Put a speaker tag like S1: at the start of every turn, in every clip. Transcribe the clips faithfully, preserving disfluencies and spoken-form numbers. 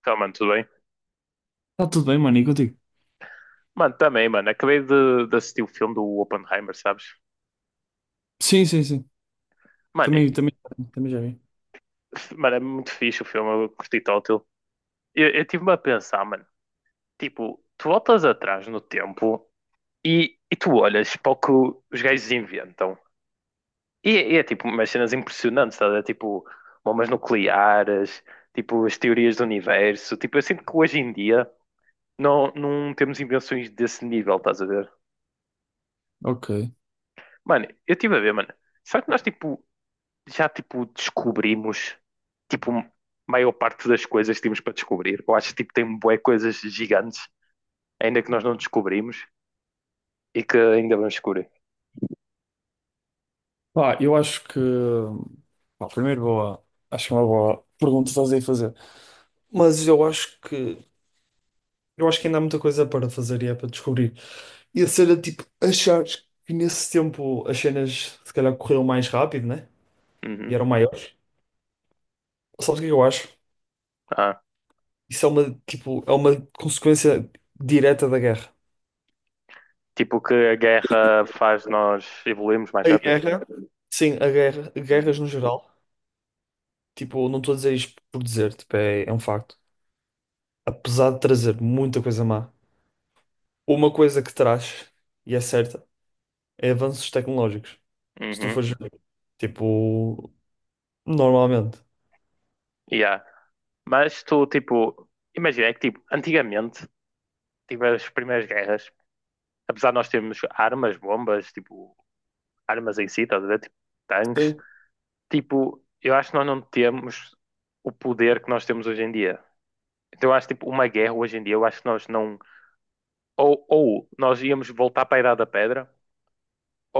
S1: Então, mano, tudo bem?
S2: Tá tudo bem, mano, e contigo?
S1: Mano, também, mano. Acabei de, de assistir o filme do Oppenheimer, sabes?
S2: Sim, sim, sim.
S1: Mano, e-
S2: Também, também, também já vi.
S1: mano, é muito fixe o filme, eu curti tótil. Eu, eu tive-me a pensar, mano, tipo, tu voltas atrás no tempo e, e tu olhas para o que os gajos inventam. E, e é tipo umas cenas impressionantes, estás a ver? Tipo bombas nucleares, tipo as teorias do universo. Tipo, eu sinto que hoje em dia não, não temos invenções desse nível, estás a ver?
S2: Ok.
S1: Mano, eu estive a ver, mano. Será que nós, tipo, já tipo descobrimos tipo a maior parte das coisas que temos para descobrir. Eu acho que tipo tem bué coisas gigantes ainda que nós não descobrimos e que ainda vamos descobrir.
S2: Pá, eu acho que. Pá, primeiro, boa. Acho que é uma boa pergunta fazer e fazer. Mas eu acho que. Eu acho que ainda há muita coisa para fazer e é para descobrir. E a cena, tipo, achares que nesse tempo as cenas se calhar corriam mais rápido, né? E
S1: Uhum.
S2: eram maiores. Sabes o que é que eu acho?
S1: Ah,
S2: Isso é uma, tipo, é uma consequência direta da guerra.
S1: tipo que a guerra faz nós evoluirmos mais
S2: A
S1: rápido.
S2: guerra, sim, a guerra, guerras
S1: Uhum.
S2: no geral. Tipo, não estou a dizer isto por dizer, tipo, é, é um facto. Apesar de trazer muita coisa má, uma coisa que traz, e é certa, é avanços tecnológicos. Se tu
S1: Uhum.
S2: fores ver, tipo, normalmente.
S1: Yeah. Mas tu tipo imagina é que tipo antigamente tipo as primeiras guerras, apesar de nós termos armas, bombas, tipo armas em si, estás a ver? Tipo, tanques,
S2: Sim,
S1: tipo, eu acho que nós não temos o poder que nós temos hoje em dia. Então eu acho tipo uma guerra hoje em dia, eu acho que nós não, ou, ou nós íamos voltar para a Idade da Pedra,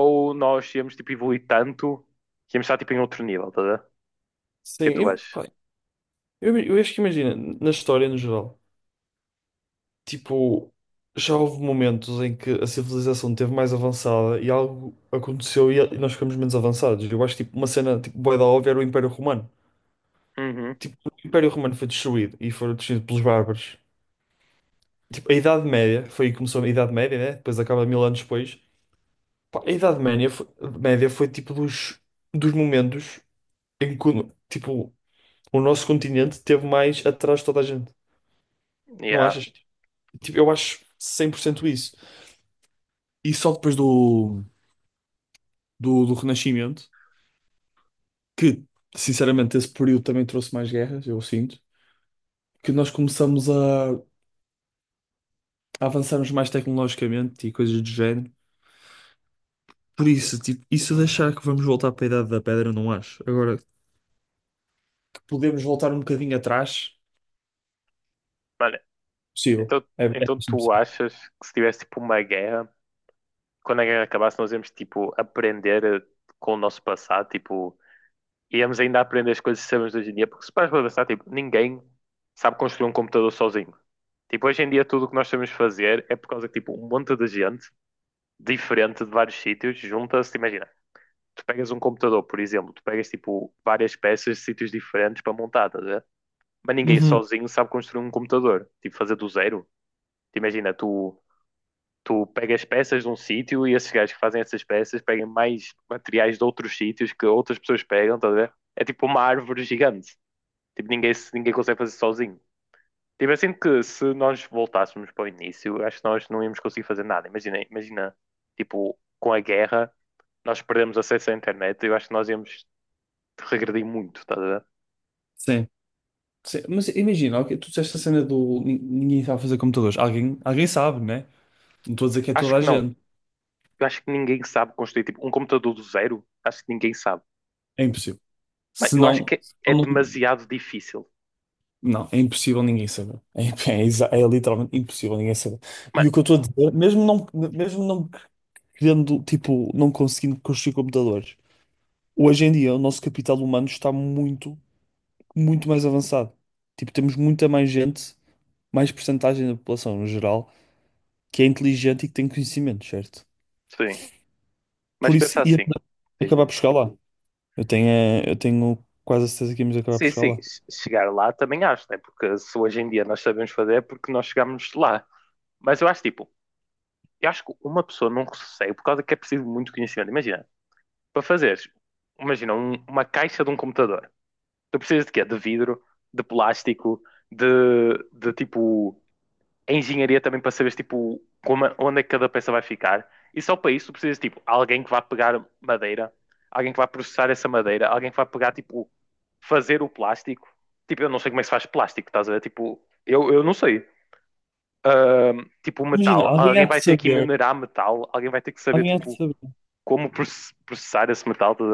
S1: ou nós íamos tipo evoluir tanto que íamos estar tipo em outro nível, tá a ver? O
S2: sim.
S1: que é que tu
S2: E,
S1: achas?
S2: pá, Eu, eu acho que imagina, na história no geral, tipo, já houve momentos em que a civilização esteve mais avançada e algo aconteceu e, e nós ficamos menos avançados. Eu acho que tipo, uma cena tipo, bué da óbvia era o Império Romano.
S1: Uhum.
S2: Tipo, o Império Romano foi destruído e foi destruído pelos bárbaros. Tipo, a Idade Média, foi aí que começou a Idade Média, né? Depois acaba mil anos depois. Pá, a Idade Média foi, Média foi tipo dos, dos momentos em que o- tipo, o nosso continente teve mais atrás de toda a gente. Não
S1: Yeah.
S2: achas? Tipo, eu acho cem por cento isso. E só depois do, do, do Renascimento, que sinceramente esse período também trouxe mais guerras, eu sinto, que nós começamos a, a avançarmos mais tecnologicamente e coisas do género. Por isso, tipo, isso de achar que vamos voltar para a Idade da Pedra, não acho. Agora, podemos voltar um bocadinho atrás,
S1: Olha,
S2: possível.
S1: então,
S2: É, é
S1: então tu
S2: bastante possível.
S1: achas que se tivesse tipo uma guerra, quando a guerra acabasse, nós íamos tipo aprender eh, com o nosso passado, tipo, íamos ainda aprender as coisas que sabemos hoje em dia, porque se paras para pensar, tipo, ninguém sabe construir um computador sozinho. Tipo, hoje em dia tudo o que nós sabemos fazer é por causa que, tipo, um monte de gente diferente de vários sítios junta-se, imagina, tu pegas um computador, por exemplo, tu pegas, tipo, várias peças de sítios diferentes para montar, estás a ver? Mas ninguém
S2: Uhum.
S1: sozinho sabe construir um computador, tipo, fazer do zero. Tu Imagina, tu, tu pegas peças de um sítio e esses gajos que fazem essas peças pegam mais materiais de outros sítios que outras pessoas pegam, estás a ver? É tipo uma árvore gigante. Tipo, ninguém, se- ninguém consegue fazer sozinho. Tipo, eu sinto que se nós voltássemos para o início, acho que nós não íamos conseguir fazer nada. Imagina, imagina, tipo, com a guerra, nós perdemos acesso à internet, eu acho que nós íamos regredir muito, estás a ver?
S2: Sim. Sim. Mas imagina, ok, tu disseste a cena do nin- ninguém sabe fazer computadores. Alguém, alguém sabe, né? Não estou a dizer que é
S1: Acho
S2: toda a
S1: que não.
S2: gente.
S1: Eu acho que ninguém sabe construir, tipo, um computador do zero, acho que ninguém sabe.
S2: É impossível.
S1: Mas
S2: Se
S1: eu acho
S2: não,
S1: que
S2: se
S1: é
S2: não,
S1: demasiado difícil.
S2: não, é impossível ninguém saber. É, é exa- é literalmente impossível ninguém saber.
S1: Mas,
S2: E o que eu estou a dizer, mesmo não, mesmo não querendo, tipo, não conseguindo construir computadores, hoje em dia o nosso capital humano está muito, muito mais avançado. Tipo, temos muita mais gente mais percentagem da população no geral que é inteligente e que tem conhecimento, certo?
S1: sim, mas
S2: Por isso
S1: pensa
S2: ia
S1: assim,
S2: acabar
S1: dizes.
S2: por chegar lá. Eu tenho, eh, eu tenho quase a certeza que íamos acabar por
S1: Sim,
S2: chegar
S1: sim, che-
S2: lá.
S1: chegar lá também acho, né? Porque se hoje em dia nós sabemos fazer é porque nós chegamos lá. Mas eu acho, tipo, Eu acho que uma pessoa não recebe por causa que é preciso muito conhecimento. Imagina, para fazeres, imagina, um- uma caixa de um computador. Tu precisas de quê? De vidro, de plástico, de, de tipo, engenharia também para saberes, tipo, como, onde é que cada peça vai ficar. E só para isso tu precisas, tipo, alguém que vá pegar madeira, alguém que vá processar essa madeira, alguém que vá pegar, tipo, fazer o plástico. Tipo, eu não sei como é que se faz plástico, estás a ver? Tipo, eu, eu não sei, ahm, tipo,
S2: Imagina,
S1: metal.
S2: alguém há
S1: Alguém
S2: de
S1: vai ter que
S2: saber,
S1: minerar metal, alguém vai ter que saber
S2: alguém há de
S1: tipo
S2: saber.
S1: como processar esse metal. Tá.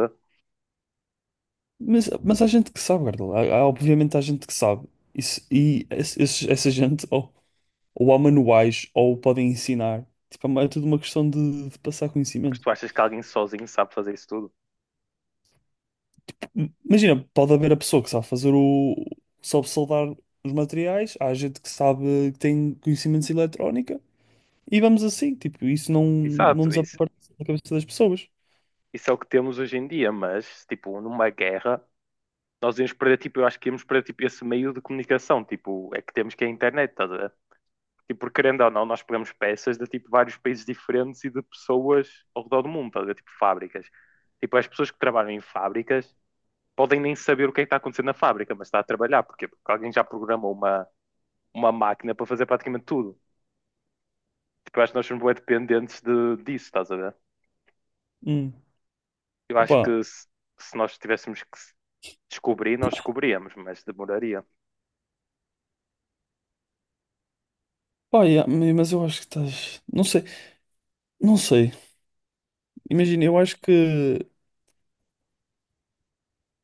S2: Mas, mas há gente que sabe, Gardel. Há- há- obviamente há gente que sabe. Isso, e esse- esses- essa gente ou, ou há manuais ou podem ensinar. Tipo, é tudo uma questão de de passar
S1: Mas
S2: conhecimento.
S1: tu achas que alguém sozinho sabe fazer isso tudo?
S2: Imagina, pode haver a pessoa que sabe fazer o. Sabe soldar os materiais, há gente que sabe que tem conhecimentos de eletrónica e vamos assim, tipo, isso não, não
S1: Exato, isso,
S2: desaparece da cabeça das pessoas.
S1: isso é o que temos hoje em dia, mas tipo numa guerra nós íamos perder tipo, eu acho que íamos perder tipo esse meio de comunicação, tipo, é que temos, que é a internet, estás a ver? Tipo, porque querendo ou não, nós pegamos peças de tipo vários países diferentes e de pessoas ao redor do mundo, estás a ver? Tipo fábricas. Tipo, as pessoas que trabalham em fábricas podem nem saber o que é que está acontecendo na fábrica, mas está a trabalhar. Porquê? Porque alguém já programou uma, uma máquina para fazer praticamente tudo. Porque eu acho que nós somos bem dependentes de, disso, estás a ver?
S2: Hum.
S1: Eu acho
S2: Opa,
S1: que se, se nós tivéssemos que descobrir, nós descobríamos, mas demoraria.
S2: pá, yeah, ma- mas eu acho que estás. Não sei, não sei. Imagina, eu acho que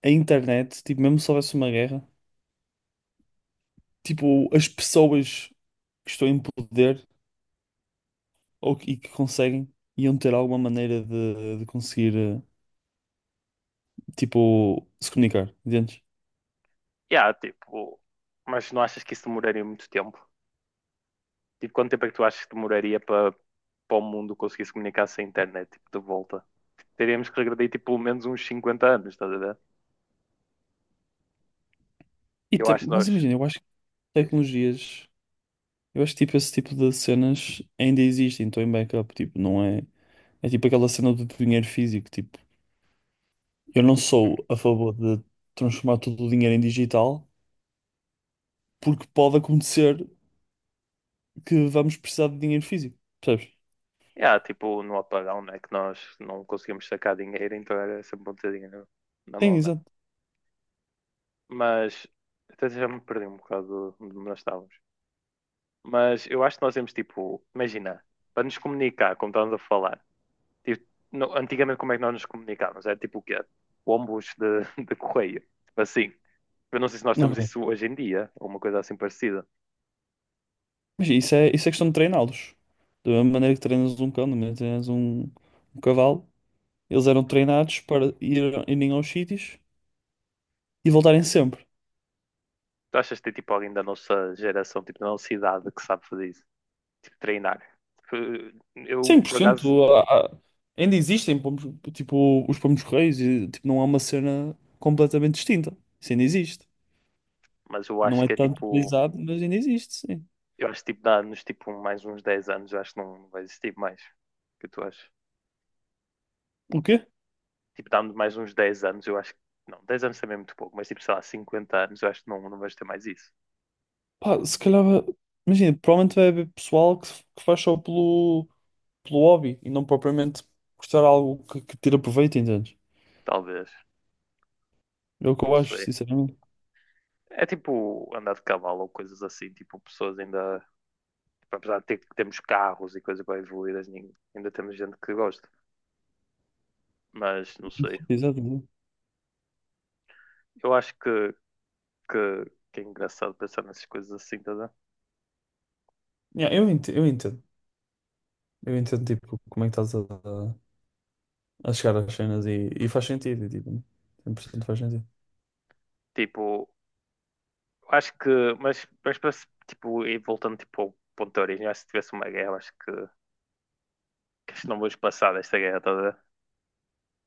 S2: a internet, tipo, mesmo se houvesse uma guerra, tipo, as pessoas que estão em poder ou que, e que conseguem iam ter alguma maneira de, de conseguir, eh, tipo, se comunicar, entendes?
S1: Yeah, tipo, mas não achas que isso demoraria muito tempo? Tipo, quanto tempo é que tu achas que demoraria para, para o mundo conseguir se comunicar sem internet, tipo, de volta? Teríamos que regredir, tipo, pelo menos uns cinquenta anos, estás a ver?
S2: E
S1: Eu
S2: tam-
S1: acho que
S2: mas
S1: nós...
S2: imagina, eu acho que
S1: Diz.
S2: tecnologias, eu acho que tipo, esse tipo de cenas ainda existem, estão em backup, tipo, não é? É tipo aquela cena do dinheiro físico, tipo, eu não sou a favor de transformar todo o dinheiro em digital, porque pode acontecer que vamos precisar de dinheiro físico, percebes?
S1: Yeah, tipo no apagão, né? Que nós não conseguimos sacar dinheiro, então era sempre um bocadinho na, na
S2: Sim,
S1: mão, né?
S2: exato.
S1: Mas até já me perdi um bocado de onde nós estávamos. Mas eu acho que nós temos tipo, imagina, para nos comunicar, como estávamos a falar, tipo, no- antigamente como é que nós nos comunicávamos? Era tipo o quê? Ombos de, de correio. Tipo assim. Eu não sei se nós temos
S2: Ok.
S1: isso hoje em dia, ou uma coisa assim parecida.
S2: Mas isso é, isso é questão de treiná-los. Da mesma maneira que treinas um cão, da maneira que treinas um, um cavalo, eles eram treinados para ir, irem aos sítios e voltarem sempre.
S1: Tu achas que tem tipo alguém da nossa geração, tipo da nossa idade, que sabe fazer isso? Tipo, treinar. Tipo, Eu, por acaso...
S2: cem por cento. há- há- Ainda existem pomos, tipo, os pomos-correios e tipo, não é uma cena completamente distinta. Isso ainda existe.
S1: Mas eu acho
S2: Não é
S1: que é
S2: tanto
S1: tipo...
S2: utilizado, mas ainda existe, sim.
S1: Eu acho que tipo, dá-nos tipo mais uns dez anos, eu acho que não vai existir mais. O que tu achas?
S2: O quê?
S1: Tipo, dá-nos mais uns dez anos, eu acho que... Não, dez anos também é muito pouco, mas tipo, sei lá, cinquenta anos, eu acho que não, não vais ter mais isso.
S2: Pá, se calhar, vai- imagina, provavelmente vai haver pessoal que, que faz só pelo, pelo hobby e não propriamente gostar de algo que, que tira proveito, entendes?
S1: Talvez.
S2: É o que
S1: Não
S2: eu acho,
S1: sei.
S2: sinceramente.
S1: É tipo andar de cavalo ou coisas assim, tipo, pessoas ainda. Tipo, apesar de ter, temos carros e coisas bem evoluídas, nin- ainda temos gente que gosta. Mas não sei.
S2: Exato, exato. exato.
S1: Eu acho que, que, que é engraçado pensar nessas coisas assim, tá a ver?
S2: Yeah, eu entendo, eu entendo. Eu entendo, tipo, como é que estás a, a chegar às cenas e, e faz sentido, e, tipo, cem por cento faz sentido.
S1: Tipo, acho que... mas, mas, para se- tipo, e voltando tipo, ao ponto de origem, acho que se tivesse uma guerra, acho que, que acho que não vamos passar desta guerra toda.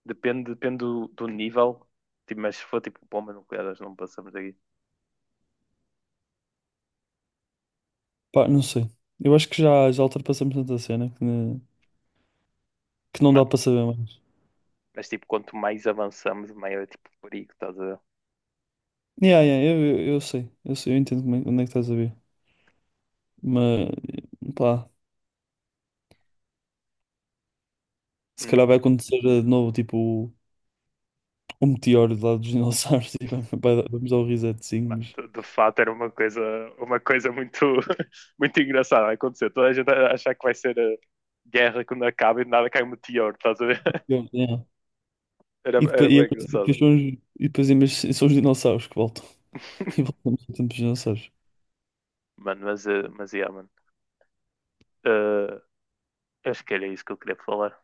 S1: Depende, depende do, do nível, tipo, mas se for tipo bombas nucleares, não passamos daqui.
S2: Pá, não sei. Eu acho que já, já ultrapassamos tanta cena que, ne- que não dá
S1: Mano,
S2: para saber mais.
S1: mas tipo, quanto mais avançamos, maior é tipo o perigo, estás a ver?
S2: Yeah, yeah, eu, eu, eu sei. Eu sei, eu entendo como é- onde é que estás a ver. Mas, pá, se
S1: Hum.
S2: calhar vai acontecer eh, de novo, tipo, um meteoro do lado dos dinossauros. E vai- vai dar- vamos dar o resetzinho,
S1: Mano,
S2: mas...
S1: de, de fato era uma coisa, uma coisa muito, muito engraçada a acontecer. Toda a gente a achar que vai ser a guerra quando acaba e de nada cai um meteoro, estás a ver?
S2: Eu- yeah.
S1: Era,
S2: E
S1: era
S2: depois, e
S1: bem engraçado.
S2: depois, são os, e depois em vez- são os dinossauros que voltam. E voltamos ao tempo dos dinossauros.
S1: Mano, mas, eh, mas yeah, mano. Uh, Eu acho que era isso que eu queria falar.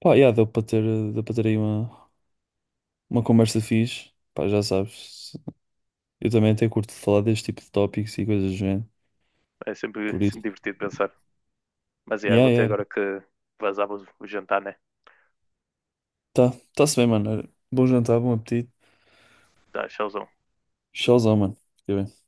S2: Pá, yeah, deu para ter, eh, deu para ter aí uma, uma conversa fixe. Pá, já sabes. Eu também até curto de falar deste tipo de tópicos e coisas do género.
S1: É sempre,
S2: Por isso.
S1: sempre divertido pensar. Mas é,
S2: Yeah,
S1: vou ter
S2: yeah. yeah.
S1: agora que vazar o o jantar, né?
S2: Tá, tá-se bem, mano. Olha, bom jantar, bom apetite.
S1: Tá, tchauzão.
S2: Tchauzão, mano. Fica bem.